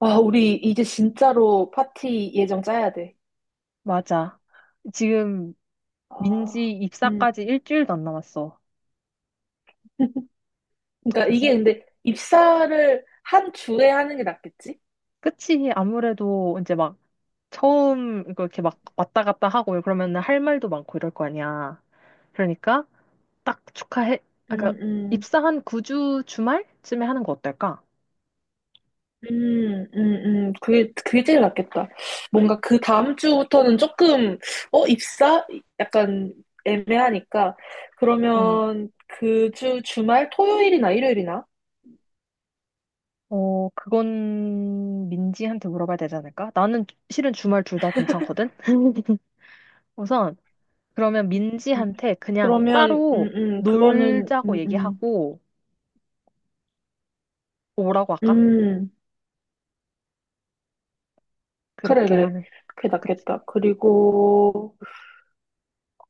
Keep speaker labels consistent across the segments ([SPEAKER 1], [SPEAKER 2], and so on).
[SPEAKER 1] 아, 우리 이제 진짜로 파티 예정 짜야 돼.
[SPEAKER 2] 맞아. 지금
[SPEAKER 1] 아,
[SPEAKER 2] 민지
[SPEAKER 1] 음.
[SPEAKER 2] 입사까지 일주일도 안 남았어.
[SPEAKER 1] 그러니까
[SPEAKER 2] 어떡하지?
[SPEAKER 1] 이게 근데 입사를 한 주에 하는 게 낫겠지?
[SPEAKER 2] 끝이 아무래도 이제 막 처음 이거 이렇게 막 왔다 갔다 하고 그러면은 할 말도 많고 이럴 거 아니야. 그러니까 딱 축하해. 아,
[SPEAKER 1] 음,
[SPEAKER 2] 그러니까
[SPEAKER 1] 음.
[SPEAKER 2] 입사한 9주 주말쯤에 하는 거 어떨까?
[SPEAKER 1] 그게 제일 낫겠다. 뭔가 그 다음 주부터는 조금, 입사? 약간 애매하니까.
[SPEAKER 2] 응.
[SPEAKER 1] 그러면 그 주 주말 토요일이나 일요일이나?
[SPEAKER 2] 어, 그건 민지한테 물어봐야 되지 않을까? 나는 실은 주말 둘 다 괜찮거든? 우선 그러면
[SPEAKER 1] 음,
[SPEAKER 2] 민지한테 그냥
[SPEAKER 1] 그러면,
[SPEAKER 2] 따로
[SPEAKER 1] 그거는,
[SPEAKER 2] 놀자고 얘기하고 오라고 할까?
[SPEAKER 1] 음. 그래,
[SPEAKER 2] 그렇게
[SPEAKER 1] 그래.
[SPEAKER 2] 하는.
[SPEAKER 1] 그게
[SPEAKER 2] 그치,
[SPEAKER 1] 낫겠다. 그리고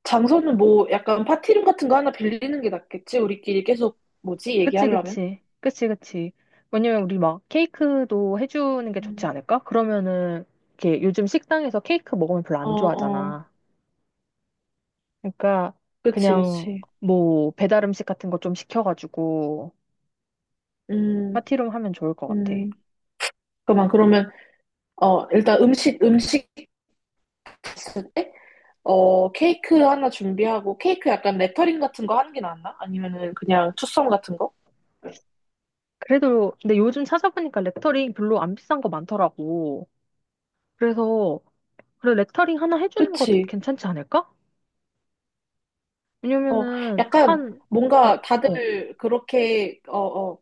[SPEAKER 1] 장소는 뭐 약간 파티룸 같은 거 하나 빌리는 게 낫겠지? 우리끼리 계속 뭐지?
[SPEAKER 2] 그치,
[SPEAKER 1] 얘기하려면?
[SPEAKER 2] 그치, 그치, 그치. 왜냐면 우리 막 케이크도 해주는 게 좋지
[SPEAKER 1] 음.
[SPEAKER 2] 않을까? 그러면은 이렇게 요즘 식당에서 케이크 먹으면 별로
[SPEAKER 1] 어,
[SPEAKER 2] 안
[SPEAKER 1] 어.
[SPEAKER 2] 좋아하잖아. 그러니까
[SPEAKER 1] 그치,
[SPEAKER 2] 그냥
[SPEAKER 1] 그치.
[SPEAKER 2] 뭐 배달 음식 같은 거 좀 시켜가지고
[SPEAKER 1] 음,
[SPEAKER 2] 파티룸 하면 좋을 것 같아.
[SPEAKER 1] 음. 그러면, 일단 음식 했을 때, 케이크 하나 준비하고, 케이크 약간 레터링 같은 거 하는 게 낫나? 아니면은 그냥 투썸 같은 거?
[SPEAKER 2] 그래도 근데 요즘 찾아보니까 레터링 별로 안 비싼 거 많더라고. 그래서 그래 레터링 하나 해주는 거
[SPEAKER 1] 그치.
[SPEAKER 2] 괜찮지 않을까?
[SPEAKER 1] 어,
[SPEAKER 2] 왜냐면은
[SPEAKER 1] 약간
[SPEAKER 2] 한 어,
[SPEAKER 1] 뭔가
[SPEAKER 2] 어,
[SPEAKER 1] 다들 그렇게,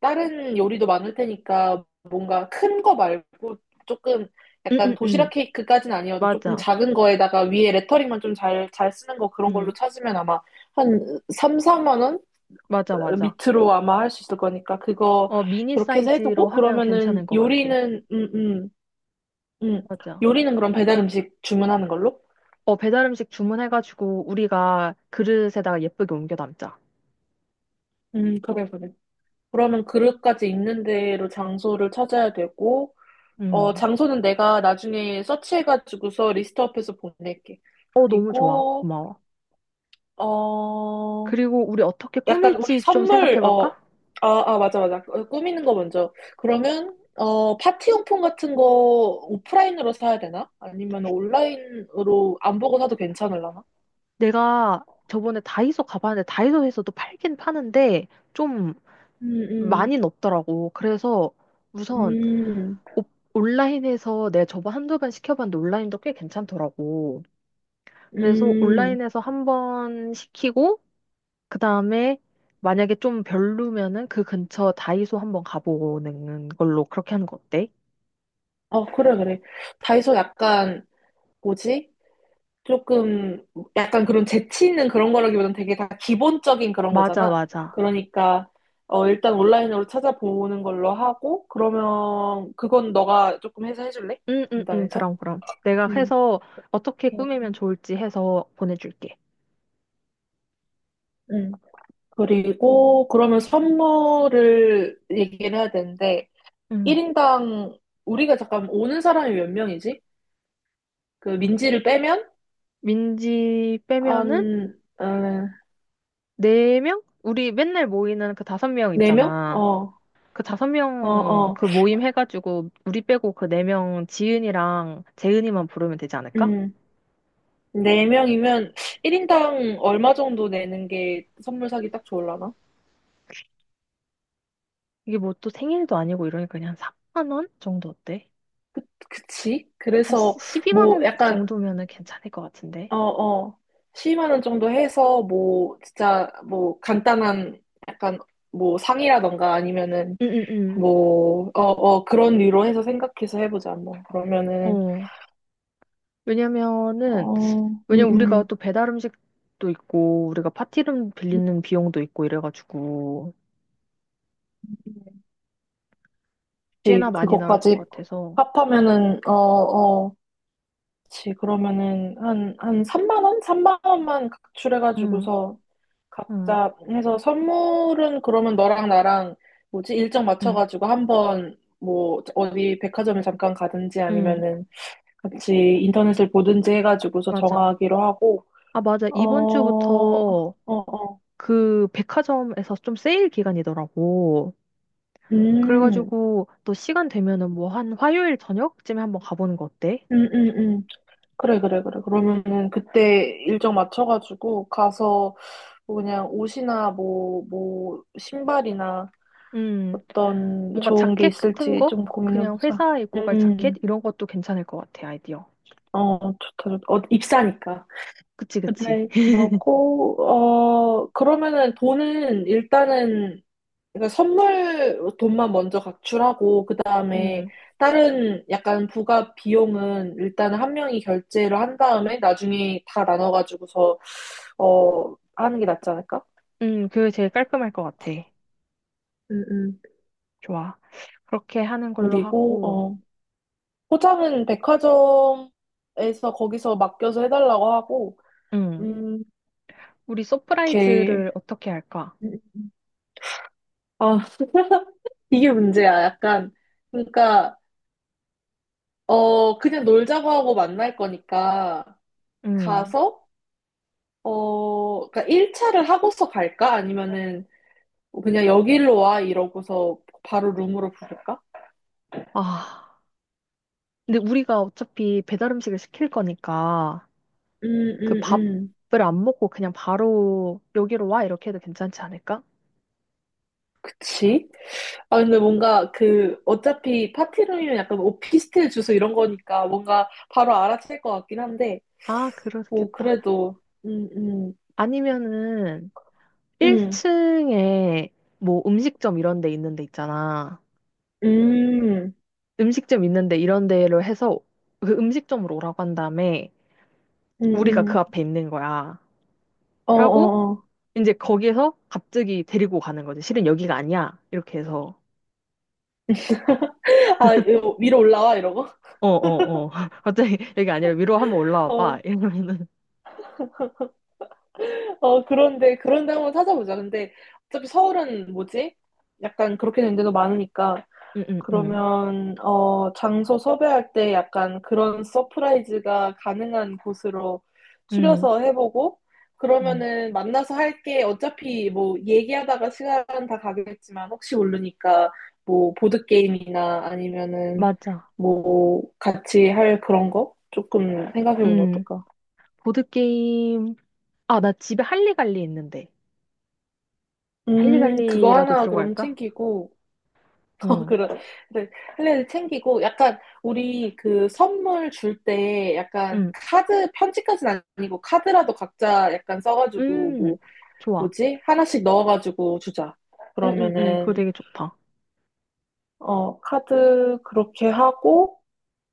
[SPEAKER 1] 다른 요리도 많을 테니까 뭔가 큰 거 말고 조금
[SPEAKER 2] 응,
[SPEAKER 1] 약간
[SPEAKER 2] 응, 응,
[SPEAKER 1] 도시락 케이크까지는 아니어도 조금
[SPEAKER 2] 맞아.
[SPEAKER 1] 작은 거에다가 위에 레터링만 좀 잘 쓰는 거 그런 걸로
[SPEAKER 2] 응.
[SPEAKER 1] 찾으면 아마 한 3, 4만 원
[SPEAKER 2] 맞아, 맞아.
[SPEAKER 1] 밑으로 아마 할 수 있을 거니까 그거
[SPEAKER 2] 어, 미니
[SPEAKER 1] 그렇게 해서
[SPEAKER 2] 사이즈로
[SPEAKER 1] 해두고
[SPEAKER 2] 하면 괜찮은
[SPEAKER 1] 그러면은
[SPEAKER 2] 것 같아.
[SPEAKER 1] 요리는 음.
[SPEAKER 2] 맞아.
[SPEAKER 1] 요리는 그럼 배달 음식 주문하는 걸로?
[SPEAKER 2] 어, 배달 음식 주문해가지고 우리가 그릇에다가 예쁘게 옮겨 담자.
[SPEAKER 1] 그래, 그래. 그러면 그릇까지 있는 대로 장소를 찾아야 되고 어,
[SPEAKER 2] 음.
[SPEAKER 1] 장소는 내가 나중에 서치해가지고서 리스트업해서 보낼게.
[SPEAKER 2] 어, 너무 좋아.
[SPEAKER 1] 그리고,
[SPEAKER 2] 고마워.
[SPEAKER 1] 어,
[SPEAKER 2] 그리고 우리 어떻게
[SPEAKER 1] 약간 우리
[SPEAKER 2] 꾸밀지 좀 생각해볼까?
[SPEAKER 1] 아, 아, 맞아, 맞아. 어, 꾸미는 거 먼저. 그러면, 어, 파티용품 같은 거 오프라인으로 사야 되나? 아니면 온라인으로 안 보고 사도 괜찮을라나?
[SPEAKER 2] 내가 저번에 다이소 가봤는데 다이소에서도 팔긴 파는데 좀
[SPEAKER 1] 음, 음,
[SPEAKER 2] 많이는 없더라고. 그래서 우선
[SPEAKER 1] 음,
[SPEAKER 2] 옵- 온라인에서 내가 저번 한두 번 시켜봤는데 온라인도 꽤 괜찮더라고. 그래서
[SPEAKER 1] 음.
[SPEAKER 2] 온라인에서 한 번 시키고 그다음에 만약에 좀 별로면은 그 근처 다이소 한번 가보는 걸로 그렇게 하는 거 어때?
[SPEAKER 1] 어, 그래, 그래. 다이소 약간, 뭐지? 조금 약간 그런 재치 있는 그런 거라기보다는 되게 다 기본적인 그런
[SPEAKER 2] 맞아,
[SPEAKER 1] 거잖아.
[SPEAKER 2] 맞아.
[SPEAKER 1] 그러니까 어 일단 온라인으로 찾아보는 걸로 하고 그러면 그건 너가 조금 해서 해줄래?
[SPEAKER 2] 응, 응, 응.
[SPEAKER 1] 담당해서?
[SPEAKER 2] 그럼, 그럼. 내가
[SPEAKER 1] 응,
[SPEAKER 2] 해서 어떻게
[SPEAKER 1] 그,
[SPEAKER 2] 꾸미면 좋을지 해서 보내줄게.
[SPEAKER 1] 응. 그리고 그러면 선물을 얘기를 해야 되는데
[SPEAKER 2] 응.
[SPEAKER 1] 1인당 우리가 잠깐 오는 사람이 몇 명이지? 그 민지를 빼면
[SPEAKER 2] 민지 빼면은
[SPEAKER 1] 한 어,
[SPEAKER 2] 네명 우리 맨날 모이는 그 다섯 명
[SPEAKER 1] 4명?
[SPEAKER 2] 있잖아. 그 다섯
[SPEAKER 1] 어,
[SPEAKER 2] 명
[SPEAKER 1] 어.
[SPEAKER 2] 그 모임 해가지고 우리 빼고 그 네 명 지은이랑 재은이만 부르면 되지 않을까?
[SPEAKER 1] 음. 네 명이면 1인당 얼마 정도 내는 게 선물 사기 딱 좋을라나?
[SPEAKER 2] 이게 뭐 또 생일도 아니고 이러니까 그냥 3만 원 정도 어때?
[SPEAKER 1] 그치?
[SPEAKER 2] 한
[SPEAKER 1] 그래서
[SPEAKER 2] 12만
[SPEAKER 1] 뭐
[SPEAKER 2] 원
[SPEAKER 1] 약간
[SPEAKER 2] 정도면은 괜찮을 것 같은데.
[SPEAKER 1] 어, 어. 10만 원 정도 해서 뭐 진짜 뭐 간단한 약간 뭐 상이라던가 아니면은
[SPEAKER 2] 응응응.
[SPEAKER 1] 뭐 어 그런 류로 해서 생각해서 해보자. 뭐 그러면은
[SPEAKER 2] 어. 왜냐면은
[SPEAKER 1] 어, 음,
[SPEAKER 2] 왜냐면 우리가
[SPEAKER 1] 음.
[SPEAKER 2] 또 배달 음식도 있고 우리가 파티룸 빌리는 비용도 있고 이래가지고
[SPEAKER 1] 그치.
[SPEAKER 2] 꽤나 많이 나올 것
[SPEAKER 1] 그것까지
[SPEAKER 2] 같아서.
[SPEAKER 1] 합하면은 어, 어. 그치, 그러면은 한 3만 원? 3만 원만
[SPEAKER 2] 응,
[SPEAKER 1] 각출해가지고서
[SPEAKER 2] 응,
[SPEAKER 1] 각자 해서 선물은 그러면 너랑 나랑 뭐지? 일정
[SPEAKER 2] 응,
[SPEAKER 1] 맞춰가지고 한번 뭐 어디 백화점을 잠깐 가든지
[SPEAKER 2] 응.
[SPEAKER 1] 아니면은 같이 인터넷을 보든지 해가지고서
[SPEAKER 2] 맞아.
[SPEAKER 1] 정하기로 하고,
[SPEAKER 2] 아, 맞아.
[SPEAKER 1] 어,
[SPEAKER 2] 이번
[SPEAKER 1] 어,
[SPEAKER 2] 주부터
[SPEAKER 1] 어,
[SPEAKER 2] 그 백화점에서 좀 세일 기간이더라고.
[SPEAKER 1] 음.
[SPEAKER 2] 그래가지고 또 시간 되면은 뭐 한 화요일 저녁쯤에 한번 가보는 거 어때?
[SPEAKER 1] 음, 음, 음. 그래, 그래, 그래. 그러면은 그때 일정 맞춰가지고 가서 뭐 그냥 옷이나 뭐, 신발이나
[SPEAKER 2] 음.
[SPEAKER 1] 어떤
[SPEAKER 2] 뭔가
[SPEAKER 1] 좋은 게
[SPEAKER 2] 자켓 같은
[SPEAKER 1] 있을지
[SPEAKER 2] 거?
[SPEAKER 1] 좀
[SPEAKER 2] 그냥
[SPEAKER 1] 고민해보자.
[SPEAKER 2] 회사에 입고 갈 자켓?
[SPEAKER 1] 음,
[SPEAKER 2] 이런 것도 괜찮을 것 같아, 아이디어.
[SPEAKER 1] 어, 좋다, 좋다. 어, 입사니까.
[SPEAKER 2] 그치, 그치.
[SPEAKER 1] 그래, 그러고, 그러면은 돈은 일단은, 그러니까 선물 돈만 먼저 각출하고, 그 다음에
[SPEAKER 2] 음,
[SPEAKER 1] 다른 약간 부가 비용은 일단 한 명이 결제를 한 다음에 나중에 다 나눠가지고서, 하는 게 낫지 않을까?
[SPEAKER 2] 그게 제일 깔끔할 것 같아.
[SPEAKER 1] 음, 음.
[SPEAKER 2] 좋아. 그렇게 하는 걸로
[SPEAKER 1] 그리고,
[SPEAKER 2] 하고,
[SPEAKER 1] 포장은 백화점에서 거기서 맡겨서 해달라고 하고,
[SPEAKER 2] 음,
[SPEAKER 1] 음,
[SPEAKER 2] 우리
[SPEAKER 1] 오케이.
[SPEAKER 2] 서프라이즈를 어떻게 할까?
[SPEAKER 1] 아, 이게 문제야. 약간, 그러니까, 그냥 놀자고 하고 만날 거니까,
[SPEAKER 2] 음,
[SPEAKER 1] 가서, 그러니까 1차를 하고서 갈까? 아니면은, 그냥 여기로 와, 이러고서 바로 룸으로 부를까?
[SPEAKER 2] 아, 근데 우리가 어차피 배달 음식을 시킬 거니까,
[SPEAKER 1] 음,
[SPEAKER 2] 그
[SPEAKER 1] 음, 음.
[SPEAKER 2] 밥을 안 먹고 그냥 바로 여기로 와? 이렇게 해도 괜찮지 않을까?
[SPEAKER 1] 그치? 아, 근데 뭔가 그, 어차피 파티룸이면 약간 뭐 오피스텔 주소 이런 거니까 뭔가 바로 알아챌 것 같긴 한데,
[SPEAKER 2] 아,
[SPEAKER 1] 뭐,
[SPEAKER 2] 그렇겠다.
[SPEAKER 1] 그래도,
[SPEAKER 2] 아니면은,
[SPEAKER 1] 음,
[SPEAKER 2] 1층에 뭐 음식점 이런 데 있는 데 있잖아.
[SPEAKER 1] 음.
[SPEAKER 2] 음식점 있는 데 이런 데로 해서 그 음식점으로 오라고 한 다음에 우리가
[SPEAKER 1] 응응.
[SPEAKER 2] 그 앞에 있는 거야. 하고
[SPEAKER 1] 어어어.
[SPEAKER 2] 이제 거기에서 갑자기 데리고 가는 거지. 실은 여기가 아니야. 이렇게 해서
[SPEAKER 1] 아, 이거 위로 올라와 이러고.
[SPEAKER 2] 어, 어, 어. 갑자기 여기 아니라 위로 한번 올라와 봐.
[SPEAKER 1] 어,
[SPEAKER 2] 이러면은
[SPEAKER 1] 어 그런데 한번 찾아보자. 근데 어차피 서울은 뭐지? 약간 그렇게 된 데도 많으니까
[SPEAKER 2] 응, 응, 응.
[SPEAKER 1] 그러면 어 장소 섭외할 때 약간 그런 서프라이즈가 가능한 곳으로
[SPEAKER 2] 응,
[SPEAKER 1] 추려서 해보고
[SPEAKER 2] 응.
[SPEAKER 1] 그러면은 만나서 할 게 어차피 뭐 얘기하다가 시간 다 가겠지만 혹시 모르니까 뭐 보드 게임이나 아니면은
[SPEAKER 2] 맞아.
[SPEAKER 1] 뭐 같이 할 그런 거 조금 생각해보면
[SPEAKER 2] 응.
[SPEAKER 1] 어떨까?
[SPEAKER 2] 보드게임. 아, 나 집에 할리갈리 있는데.
[SPEAKER 1] 그거
[SPEAKER 2] 할리갈리라도
[SPEAKER 1] 하나 그럼
[SPEAKER 2] 들어갈까?
[SPEAKER 1] 챙기고, 어,
[SPEAKER 2] 응
[SPEAKER 1] 그래. 그래. 할래를 챙기고, 약간, 우리 그 선물 줄 때, 약간,
[SPEAKER 2] 응.
[SPEAKER 1] 카드, 편지까지는 아니고, 카드라도 각자 약간 써가지고, 뭐,
[SPEAKER 2] 음, 좋아.
[SPEAKER 1] 뭐지? 하나씩 넣어가지고 주자.
[SPEAKER 2] 응응응 그거
[SPEAKER 1] 그러면은,
[SPEAKER 2] 되게 좋다.
[SPEAKER 1] 카드 그렇게 하고,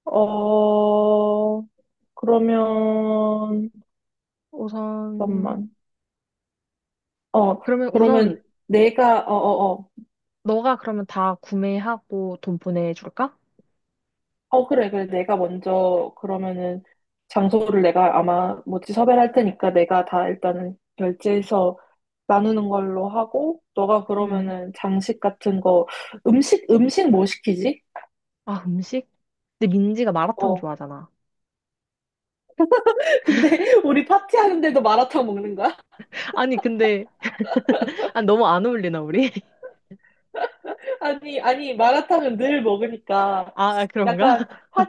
[SPEAKER 1] 어, 그러면,
[SPEAKER 2] 우선,
[SPEAKER 1] 잠깐만. 어,
[SPEAKER 2] 그러면 우선,
[SPEAKER 1] 그러면 내가, 어어어,
[SPEAKER 2] 너가 그러면 다 구매하고 돈 보내줄까?
[SPEAKER 1] 어, 그래, 그래. 내가 먼저, 그러면은, 장소를 내가 아마 뭐지 섭외할 테니까 내가 다 일단은 결제해서 나누는 걸로 하고, 너가
[SPEAKER 2] 응
[SPEAKER 1] 그러면은 장식 같은 거, 음식 뭐 시키지?
[SPEAKER 2] 아, 음식? 근데 민지가 마라탕
[SPEAKER 1] 어.
[SPEAKER 2] 좋아하잖아.
[SPEAKER 1] 근데 우리 파티하는데도 마라탕 먹는 거야?
[SPEAKER 2] 아니, 근데, 아, 너무 안 어울리나, 우리?
[SPEAKER 1] 아니, 아니, 마라탕은 늘 먹으니까
[SPEAKER 2] 아, 아, 그런가?
[SPEAKER 1] 약간 파,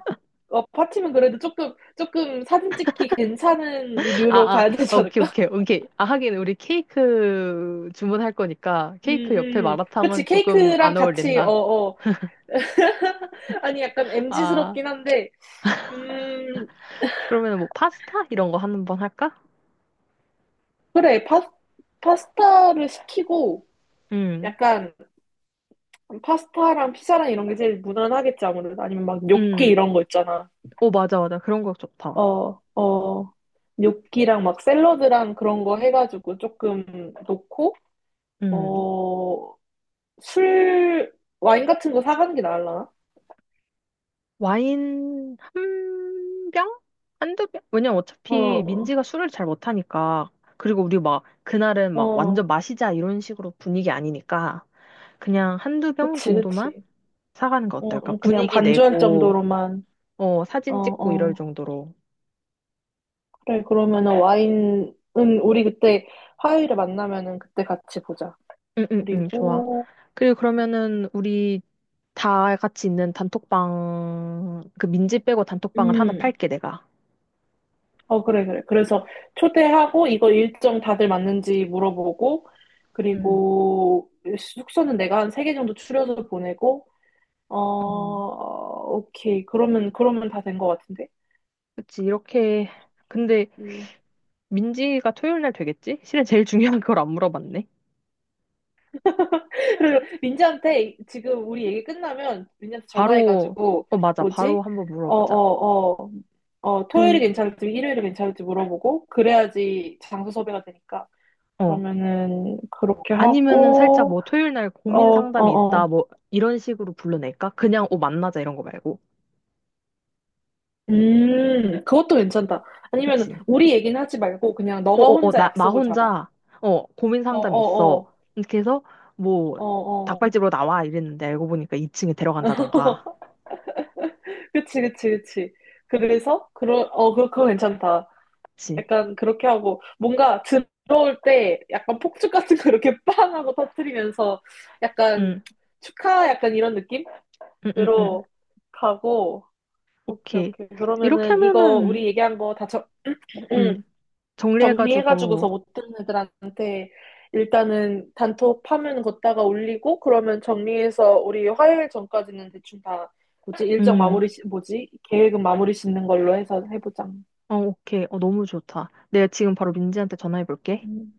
[SPEAKER 1] 파티면 그래도 조금, 조금 사진 찍기 괜찮은 류로
[SPEAKER 2] 아, 아,
[SPEAKER 1] 가야 되지
[SPEAKER 2] 오케이,
[SPEAKER 1] 않을까?
[SPEAKER 2] 오케이, 오케이. 아, 하긴, 우리 케이크 주문할 거니까,
[SPEAKER 1] 음,
[SPEAKER 2] 케이크 옆에
[SPEAKER 1] 그치,
[SPEAKER 2] 마라탕은 조금
[SPEAKER 1] 케이크랑
[SPEAKER 2] 안
[SPEAKER 1] 같이, 어,
[SPEAKER 2] 어울린다.
[SPEAKER 1] 어. 아니, 약간 m 지스럽
[SPEAKER 2] 아,
[SPEAKER 1] 긴 한데, 음,
[SPEAKER 2] 그러면 뭐, 파스타? 이런 거 한 번 할까?
[SPEAKER 1] 그래, 파스타를 시키고,
[SPEAKER 2] 응
[SPEAKER 1] 약간, 파스타랑 피자랑 이런 게 제일 무난하겠지, 아무래도. 아니면 막 뇨끼
[SPEAKER 2] 응
[SPEAKER 1] 이런 거 있잖아.
[SPEAKER 2] 오, 맞아, 맞아. 그런 거 좋다.
[SPEAKER 1] 어, 어, 뇨끼랑 막 샐러드랑 그런 거 해가지고 조금 놓고,
[SPEAKER 2] 응
[SPEAKER 1] 어, 술, 와인 같은 거 사가는 게 나을라나?
[SPEAKER 2] 와인 한 병? 한 두 병? 왜냐면 어차피
[SPEAKER 1] 어,
[SPEAKER 2] 민지가 술을 잘 못하니까. 그리고 우리 막 그날은 막 완전
[SPEAKER 1] 어,
[SPEAKER 2] 마시자 이런 식으로 분위기 아니니까 그냥 한 두 병
[SPEAKER 1] 그치,
[SPEAKER 2] 정도만
[SPEAKER 1] 그치.
[SPEAKER 2] 사가는 거
[SPEAKER 1] 어,
[SPEAKER 2] 어떨까?
[SPEAKER 1] 그냥
[SPEAKER 2] 분위기
[SPEAKER 1] 반주할
[SPEAKER 2] 내고,
[SPEAKER 1] 정도로만,
[SPEAKER 2] 어,
[SPEAKER 1] 어,
[SPEAKER 2] 사진 찍고 이럴
[SPEAKER 1] 어.
[SPEAKER 2] 정도로.
[SPEAKER 1] 그래, 그러면은 와인은 우리 그때 화요일에 만나면은 그때 같이 보자.
[SPEAKER 2] 응, 응, 응, 좋아.
[SPEAKER 1] 그리고,
[SPEAKER 2] 그리고 그러면은 우리 다 같이 있는 단톡방, 그 민지 빼고 단톡방을 하나
[SPEAKER 1] 음,
[SPEAKER 2] 팔게, 내가.
[SPEAKER 1] 어, 그래, 그래. 그래서 초대하고 이거 일정 다들 맞는지 물어보고,
[SPEAKER 2] 응,
[SPEAKER 1] 그리고 숙소는 내가 한 세 개 정도 추려서 보내고,
[SPEAKER 2] 응.
[SPEAKER 1] 어, 오케이. 그러면 다 된 것 같은데?
[SPEAKER 2] 그치, 이렇게. 근데
[SPEAKER 1] 음.
[SPEAKER 2] 민지가 토요일 날 되겠지? 실은 제일 중요한 걸 안 물어봤네.
[SPEAKER 1] 그리고 민지한테 지금 우리 얘기 끝나면 민지한테
[SPEAKER 2] 바로,
[SPEAKER 1] 전화해가지고
[SPEAKER 2] 어, 맞아.
[SPEAKER 1] 뭐지?
[SPEAKER 2] 바로 한번
[SPEAKER 1] 어,
[SPEAKER 2] 물어보자.
[SPEAKER 1] 어, 어, 어, 토요일이
[SPEAKER 2] 근,
[SPEAKER 1] 괜찮을지 일요일이 괜찮을지 물어보고 그래야지 장소 섭외가 되니까
[SPEAKER 2] 어.
[SPEAKER 1] 그러면은 그렇게
[SPEAKER 2] 아니면은 살짝
[SPEAKER 1] 하고
[SPEAKER 2] 뭐 토요일 날
[SPEAKER 1] 어,
[SPEAKER 2] 고민
[SPEAKER 1] 어,
[SPEAKER 2] 상담이 있다,
[SPEAKER 1] 어.
[SPEAKER 2] 뭐 이런 식으로 불러낼까? 그냥, 어, 만나자 이런 거 말고.
[SPEAKER 1] 그것도 괜찮다. 아니면
[SPEAKER 2] 그치?
[SPEAKER 1] 우리 얘기는 하지 말고 그냥
[SPEAKER 2] 어,
[SPEAKER 1] 너가
[SPEAKER 2] 어, 어,
[SPEAKER 1] 혼자
[SPEAKER 2] 나, 나
[SPEAKER 1] 약속을 잡아.
[SPEAKER 2] 혼자, 어, 고민
[SPEAKER 1] 어,
[SPEAKER 2] 상담이
[SPEAKER 1] 어,
[SPEAKER 2] 있어.
[SPEAKER 1] 어,
[SPEAKER 2] 이렇게 해서 뭐
[SPEAKER 1] 어, 어.
[SPEAKER 2] 닭발집으로 나와 이랬는데 알고 보니까 2층에 데려간다던가.
[SPEAKER 1] 그치, 그치, 그치. 그래서 그 그거 괜찮다.
[SPEAKER 2] 그치?
[SPEAKER 1] 약간 그렇게 하고 뭔가 들어올 때 약간 폭죽 같은 거 이렇게 빵 하고 터뜨리면서 약간
[SPEAKER 2] 응,
[SPEAKER 1] 축하 약간 이런
[SPEAKER 2] 응, 응, 응.
[SPEAKER 1] 느낌으로 가고 오케이
[SPEAKER 2] 오케이.
[SPEAKER 1] 오케이
[SPEAKER 2] 이렇게
[SPEAKER 1] 그러면은 이거 우리
[SPEAKER 2] 하면은,
[SPEAKER 1] 얘기한 거 다 정,
[SPEAKER 2] 응, 정리해가지고,
[SPEAKER 1] 정리해가지고서 못 듣는 애들한테 일단은 단톡 파면 걷다가 올리고 그러면 정리해서 우리 화요일 전까지는 대충 다 뭐지 일정
[SPEAKER 2] 응
[SPEAKER 1] 마무리 시- 뭐지 계획은 마무리 짓는 걸로 해서 해보자.
[SPEAKER 2] 어, 오케이. 어, 너무 좋다. 내가 지금 바로 민지한테 전화해 볼게.
[SPEAKER 1] 음.